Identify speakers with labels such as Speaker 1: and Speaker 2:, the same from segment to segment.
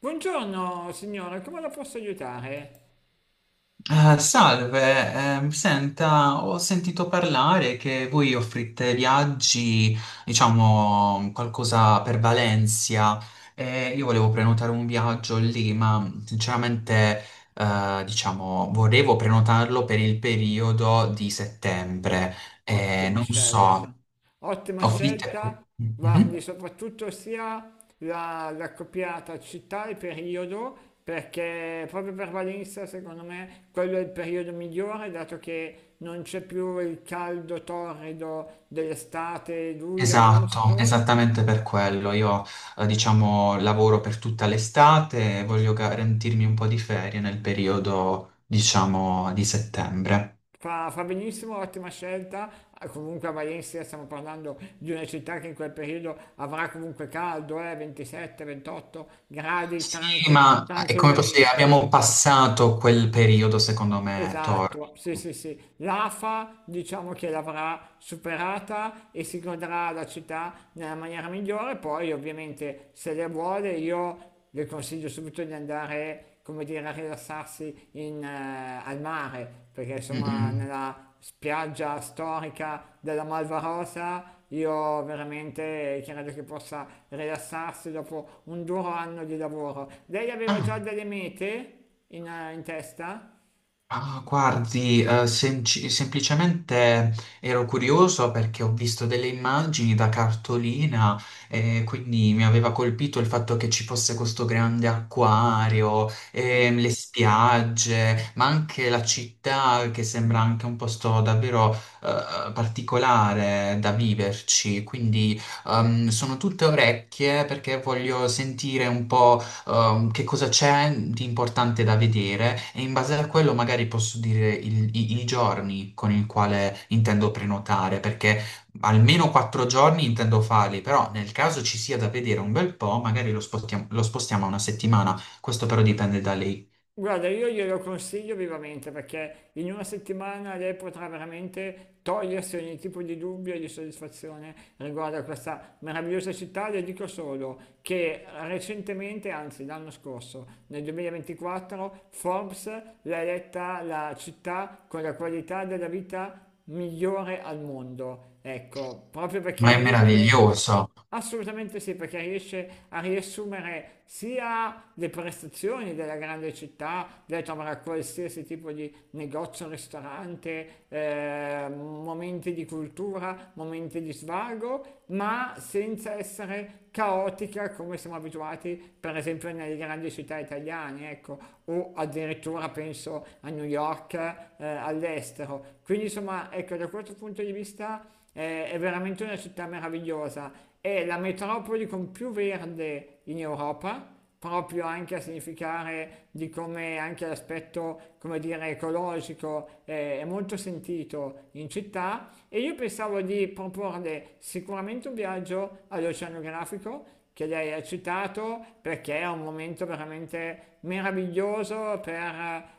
Speaker 1: Buongiorno signora, come la posso aiutare?
Speaker 2: Salve, senta, ho sentito parlare che voi offrite viaggi, diciamo, qualcosa per Valencia, e io volevo prenotare un viaggio lì, ma sinceramente, diciamo, volevo prenotarlo per il periodo di settembre.
Speaker 1: Ottima
Speaker 2: Non
Speaker 1: scelta,
Speaker 2: so,
Speaker 1: ottima
Speaker 2: offrite...
Speaker 1: scelta, guardi
Speaker 2: Mhm.
Speaker 1: soprattutto sia la copiata città e periodo, perché proprio per Valenza secondo me quello è il periodo migliore, dato che non c'è più il caldo torrido dell'estate, luglio,
Speaker 2: Esatto,
Speaker 1: agosto.
Speaker 2: esattamente per quello. Diciamo, lavoro per tutta l'estate e voglio garantirmi un po' di ferie nel periodo, diciamo, di settembre.
Speaker 1: Fa benissimo, ottima scelta. Ah, comunque a Valencia stiamo parlando di una città che in quel periodo avrà comunque caldo, 27-28 gradi
Speaker 2: Sì, ma come posso dire,
Speaker 1: tranquillamente.
Speaker 2: abbiamo passato quel periodo, secondo me, Tor.
Speaker 1: Esatto, sì, sì, sì. L'afa diciamo che l'avrà superata e si godrà la città nella maniera migliore. Poi, ovviamente, se le vuole, io le consiglio subito di andare, come dire, a rilassarsi al mare, perché insomma,
Speaker 2: Mm-mm.
Speaker 1: nella spiaggia storica della Malvarosa. Io veramente credo che possa rilassarsi dopo un duro anno di lavoro. Lei aveva già
Speaker 2: Ah.
Speaker 1: delle mete in testa?
Speaker 2: Ah, guardi, semplicemente ero curioso perché ho visto delle immagini da cartolina e quindi mi aveva colpito il fatto che ci fosse questo grande acquario, e
Speaker 1: Sì.
Speaker 2: le spiagge, ma anche la città che sembra anche un posto davvero particolare da viverci. Quindi sono tutte orecchie perché voglio sentire un po' che cosa c'è di importante da vedere e in base a quello magari posso dire i giorni con il quale intendo prenotare, perché almeno quattro giorni intendo farli, però nel caso ci sia da vedere un bel po', magari lo spostiamo a una settimana, questo però dipende da lei.
Speaker 1: Guarda, io glielo consiglio vivamente perché in una settimana lei potrà veramente togliersi ogni tipo di dubbio e di soddisfazione riguardo a questa meravigliosa città. Le dico solo che recentemente, anzi l'anno scorso, nel 2024, Forbes l'ha eletta la città con la qualità della vita migliore al mondo. Ecco, proprio perché
Speaker 2: Ma è
Speaker 1: riesce.
Speaker 2: meraviglioso.
Speaker 1: Assolutamente sì, perché riesce a riassumere sia le prestazioni della grande città, dai trovare a qualsiasi tipo di negozio, ristorante, momenti di cultura, momenti di svago, ma senza essere caotica come siamo abituati, per esempio, nelle grandi città italiane, ecco, o addirittura penso a New York, all'estero. Quindi, insomma, ecco, da questo punto di vista è veramente una città meravigliosa, è la metropoli con più verde in Europa, proprio anche a significare di come anche l'aspetto, come dire, ecologico è molto sentito in città, e io pensavo di proporle sicuramente un viaggio all'oceanografico che lei ha citato perché è un momento veramente meraviglioso per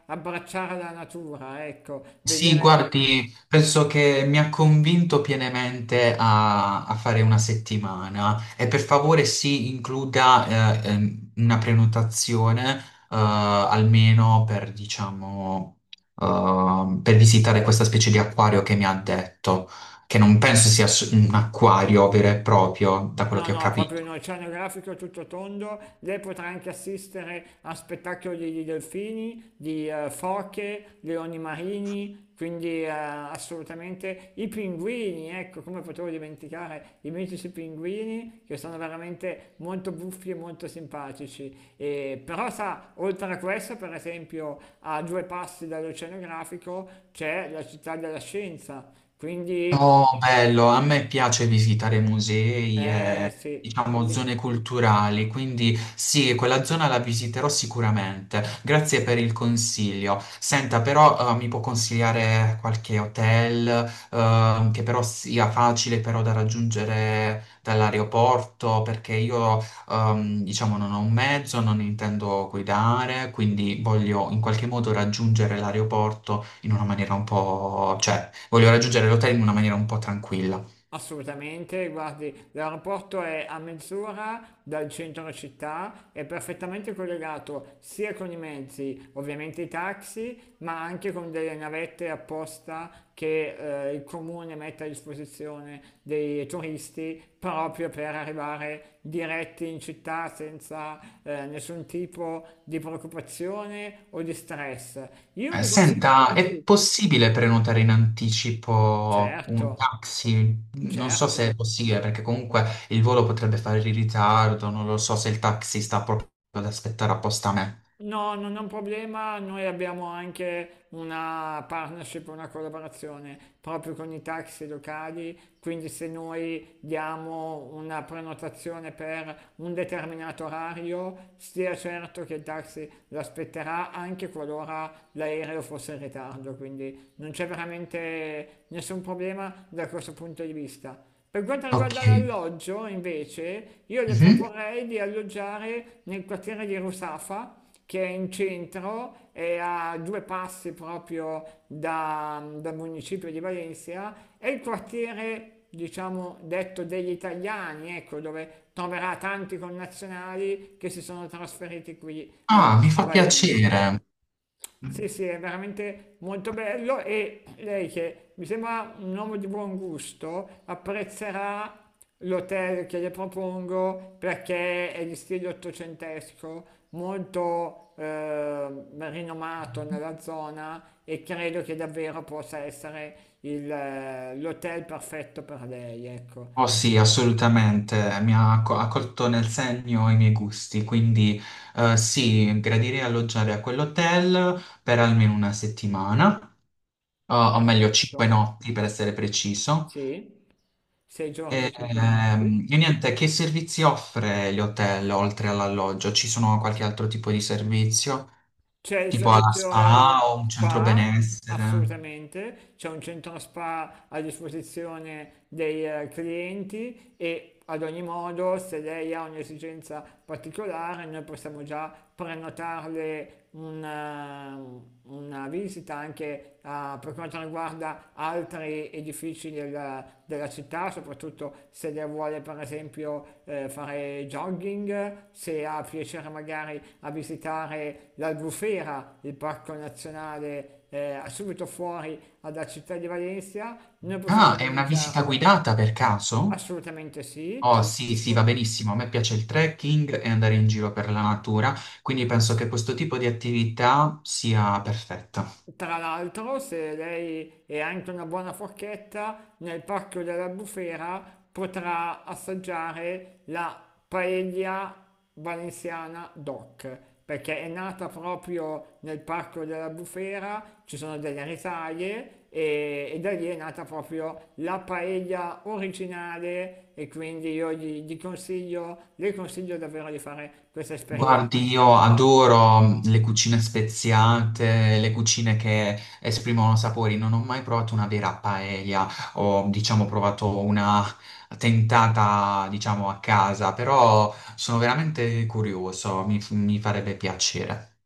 Speaker 1: abbracciare la natura, ecco,
Speaker 2: Sì,
Speaker 1: vedere.
Speaker 2: guardi, penso che mi ha convinto pienamente a fare una settimana e per favore si includa una prenotazione almeno per, diciamo, per visitare questa specie di acquario che mi ha detto, che non penso sia un acquario vero e proprio, da quello
Speaker 1: No,
Speaker 2: che ho
Speaker 1: no, è proprio un
Speaker 2: capito.
Speaker 1: oceanografico tutto tondo. Lei potrà anche assistere a spettacoli di delfini, di foche, leoni marini, quindi assolutamente i pinguini, ecco, come potevo dimenticare i mitici pinguini che sono veramente molto buffi e molto simpatici. E, però sa, oltre a questo, per esempio, a due passi dall'oceanografico c'è la città della scienza, quindi
Speaker 2: Oh, bello, a me piace visitare musei e,
Speaker 1: sì.
Speaker 2: diciamo, zone culturali, quindi sì, quella zona la visiterò sicuramente. Grazie per il consiglio. Senta, però, mi può consigliare qualche hotel, che però sia facile però da raggiungere dall'aeroporto, perché io, diciamo, non ho un mezzo, non intendo guidare, quindi voglio in qualche modo raggiungere l'aeroporto in una maniera un po', cioè voglio raggiungere l'hotel in una maniera un po' tranquilla.
Speaker 1: Assolutamente, guardi, l'aeroporto è a mezz'ora dal centro città, è perfettamente collegato sia con i mezzi, ovviamente i taxi, ma anche con delle navette apposta che il comune mette a disposizione dei turisti proprio per arrivare diretti in città senza nessun tipo di preoccupazione o di stress. Io li consiglio,
Speaker 2: Senta, è
Speaker 1: sì,
Speaker 2: possibile prenotare in anticipo un
Speaker 1: certo,
Speaker 2: taxi? Non so se
Speaker 1: certo.
Speaker 2: è possibile, perché comunque il volo potrebbe fare in ritardo, non lo so se il taxi sta proprio ad aspettare apposta a me.
Speaker 1: No, non è un problema, noi abbiamo anche una partnership, una collaborazione proprio con i taxi locali, quindi se noi diamo una prenotazione per un determinato orario, stia certo che il taxi l'aspetterà anche qualora l'aereo fosse in ritardo, quindi non c'è veramente nessun problema da questo punto di vista. Per quanto
Speaker 2: Ok.
Speaker 1: riguarda l'alloggio, invece, io le, sì,
Speaker 2: Mhm.
Speaker 1: proporrei di alloggiare nel quartiere di Rusafa, che è in centro, è a due passi proprio dal municipio di Valencia, è il quartiere, diciamo, detto degli italiani, ecco, dove troverà tanti connazionali che si sono trasferiti qui
Speaker 2: Ah,
Speaker 1: a,
Speaker 2: mi
Speaker 1: a
Speaker 2: fa
Speaker 1: Valencia.
Speaker 2: piacere.
Speaker 1: Sì, sì, è veramente molto bello e lei che mi sembra un uomo di buon gusto apprezzerà l'hotel che le propongo perché è di stile ottocentesco, molto rinomato nella zona, e credo che davvero possa essere l'hotel perfetto per lei,
Speaker 2: Oh
Speaker 1: ecco.
Speaker 2: sì, assolutamente, mi ha ha colto nel segno i miei gusti, quindi sì, gradirei alloggiare a quell'hotel per almeno una settimana. O meglio cinque
Speaker 1: Perfetto.
Speaker 2: notti per essere preciso.
Speaker 1: Sì, sei giorni e cinque notti.
Speaker 2: E niente, che servizi offre gli hotel oltre all'alloggio? Ci sono qualche altro tipo di servizio?
Speaker 1: C'è il
Speaker 2: Tipo alla
Speaker 1: servizio
Speaker 2: spa o un centro
Speaker 1: spa,
Speaker 2: benessere?
Speaker 1: assolutamente, c'è un centro spa a disposizione dei clienti, e ad ogni modo, se lei ha un'esigenza particolare, noi possiamo già prenotarle una visita anche, per quanto riguarda altri edifici della città, soprattutto se lei vuole per esempio fare jogging, se ha piacere magari a visitare l'Albufera, il parco nazionale subito fuori dalla città di Valencia, noi possiamo
Speaker 2: Ah, è una visita
Speaker 1: organizzarlo.
Speaker 2: guidata per caso?
Speaker 1: Assolutamente sì.
Speaker 2: Oh sì, sì, va
Speaker 1: Pu-
Speaker 2: benissimo. A me piace il trekking e andare in giro per la natura, quindi penso che questo tipo di attività sia perfetta.
Speaker 1: Tra l'altro, se lei è anche una buona forchetta, nel Parco della Bufera potrà assaggiare la paella valenziana DOC, perché è nata proprio nel Parco della Bufera, ci sono delle risaie, e da lì è nata proprio la paella originale e quindi io le consiglio davvero di fare questa esperienza.
Speaker 2: Guardi, io adoro mm, le cucine speziate, le cucine che esprimono sapori. Non ho mai provato una vera paella, ho diciamo provato una tentata diciamo a casa, però sono veramente curioso, mi farebbe piacere.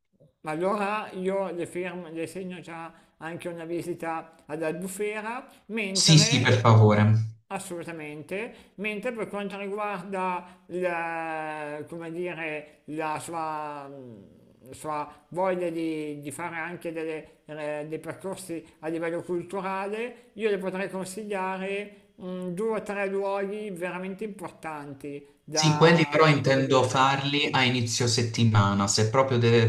Speaker 1: Ma allora io le, fermo, le segno già anche una visita ad Albufera,
Speaker 2: Sì, sì,
Speaker 1: mentre
Speaker 2: per favore.
Speaker 1: assolutamente, mentre per quanto riguarda la, come dire, la sua voglia di fare anche delle, dei percorsi a livello culturale, io le potrei consigliare due o tre luoghi veramente importanti
Speaker 2: Sì, quelli però
Speaker 1: da
Speaker 2: intendo
Speaker 1: vedere.
Speaker 2: farli a inizio settimana, se proprio deve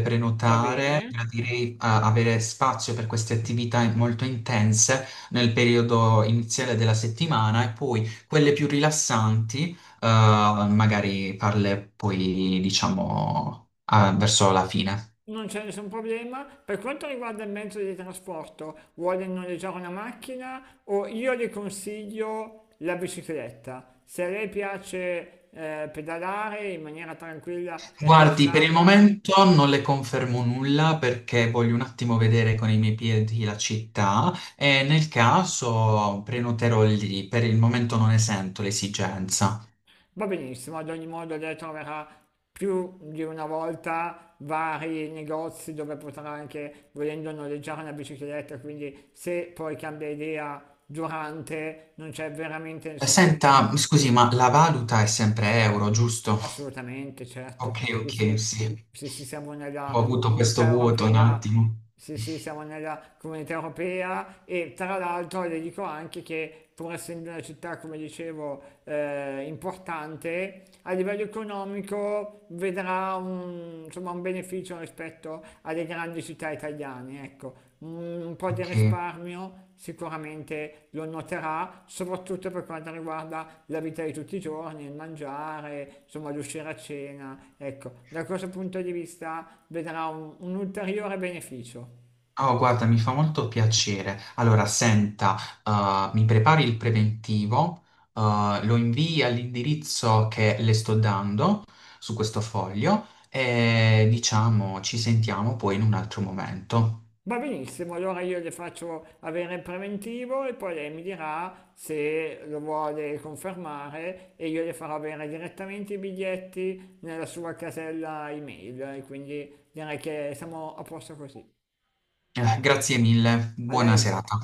Speaker 1: Va bene?
Speaker 2: prenotare, gradirei avere spazio per queste attività molto intense nel periodo iniziale della settimana e poi quelle più rilassanti, magari farle poi, diciamo, ah, verso la fine.
Speaker 1: Non c'è nessun problema. Per quanto riguarda il mezzo di trasporto, vuole noleggiare una macchina, o io le consiglio la bicicletta, se a lei piace pedalare in maniera tranquilla e
Speaker 2: Guardi, per il
Speaker 1: rilassata.
Speaker 2: momento non le confermo nulla perché voglio un attimo vedere con i miei piedi la città e nel caso prenoterò lì, per il momento non ne sento l'esigenza.
Speaker 1: Va benissimo. Ad ogni modo lei troverà più di una volta vari negozi dove potrà anche, volendo, noleggiare una bicicletta. Quindi se poi cambia idea durante, non c'è veramente nessun
Speaker 2: Senta,
Speaker 1: problema.
Speaker 2: scusi, ma la valuta è sempre euro, giusto?
Speaker 1: Assolutamente,
Speaker 2: Ok,
Speaker 1: certo.
Speaker 2: ok,
Speaker 1: Sì, sì.
Speaker 2: sì.
Speaker 1: Sì, sì, siamo
Speaker 2: Ho
Speaker 1: nella
Speaker 2: avuto questo
Speaker 1: comunità
Speaker 2: vuoto un
Speaker 1: europea.
Speaker 2: attimo.
Speaker 1: Sì, sì, siamo nella comunità europea, e tra l'altro le dico anche che pur essendo una città, come dicevo, importante, a livello economico vedrà un, insomma, un beneficio rispetto alle grandi città italiane, ecco, un po' di
Speaker 2: Ok.
Speaker 1: risparmio sicuramente lo noterà, soprattutto per quanto riguarda la vita di tutti i giorni, il mangiare, insomma l'uscire a cena. Ecco, da questo punto di vista vedrà un ulteriore beneficio.
Speaker 2: Oh, guarda, mi fa molto piacere. Allora, senta, mi prepari il preventivo, lo invii all'indirizzo che le sto dando su questo foglio e diciamo ci sentiamo poi in un altro momento.
Speaker 1: Va benissimo, allora io le faccio avere il preventivo e poi lei mi dirà se lo vuole confermare e io le farò avere direttamente i biglietti nella sua casella email e quindi direi che siamo a posto così.
Speaker 2: Grazie mille,
Speaker 1: A
Speaker 2: buona
Speaker 1: lei.
Speaker 2: serata.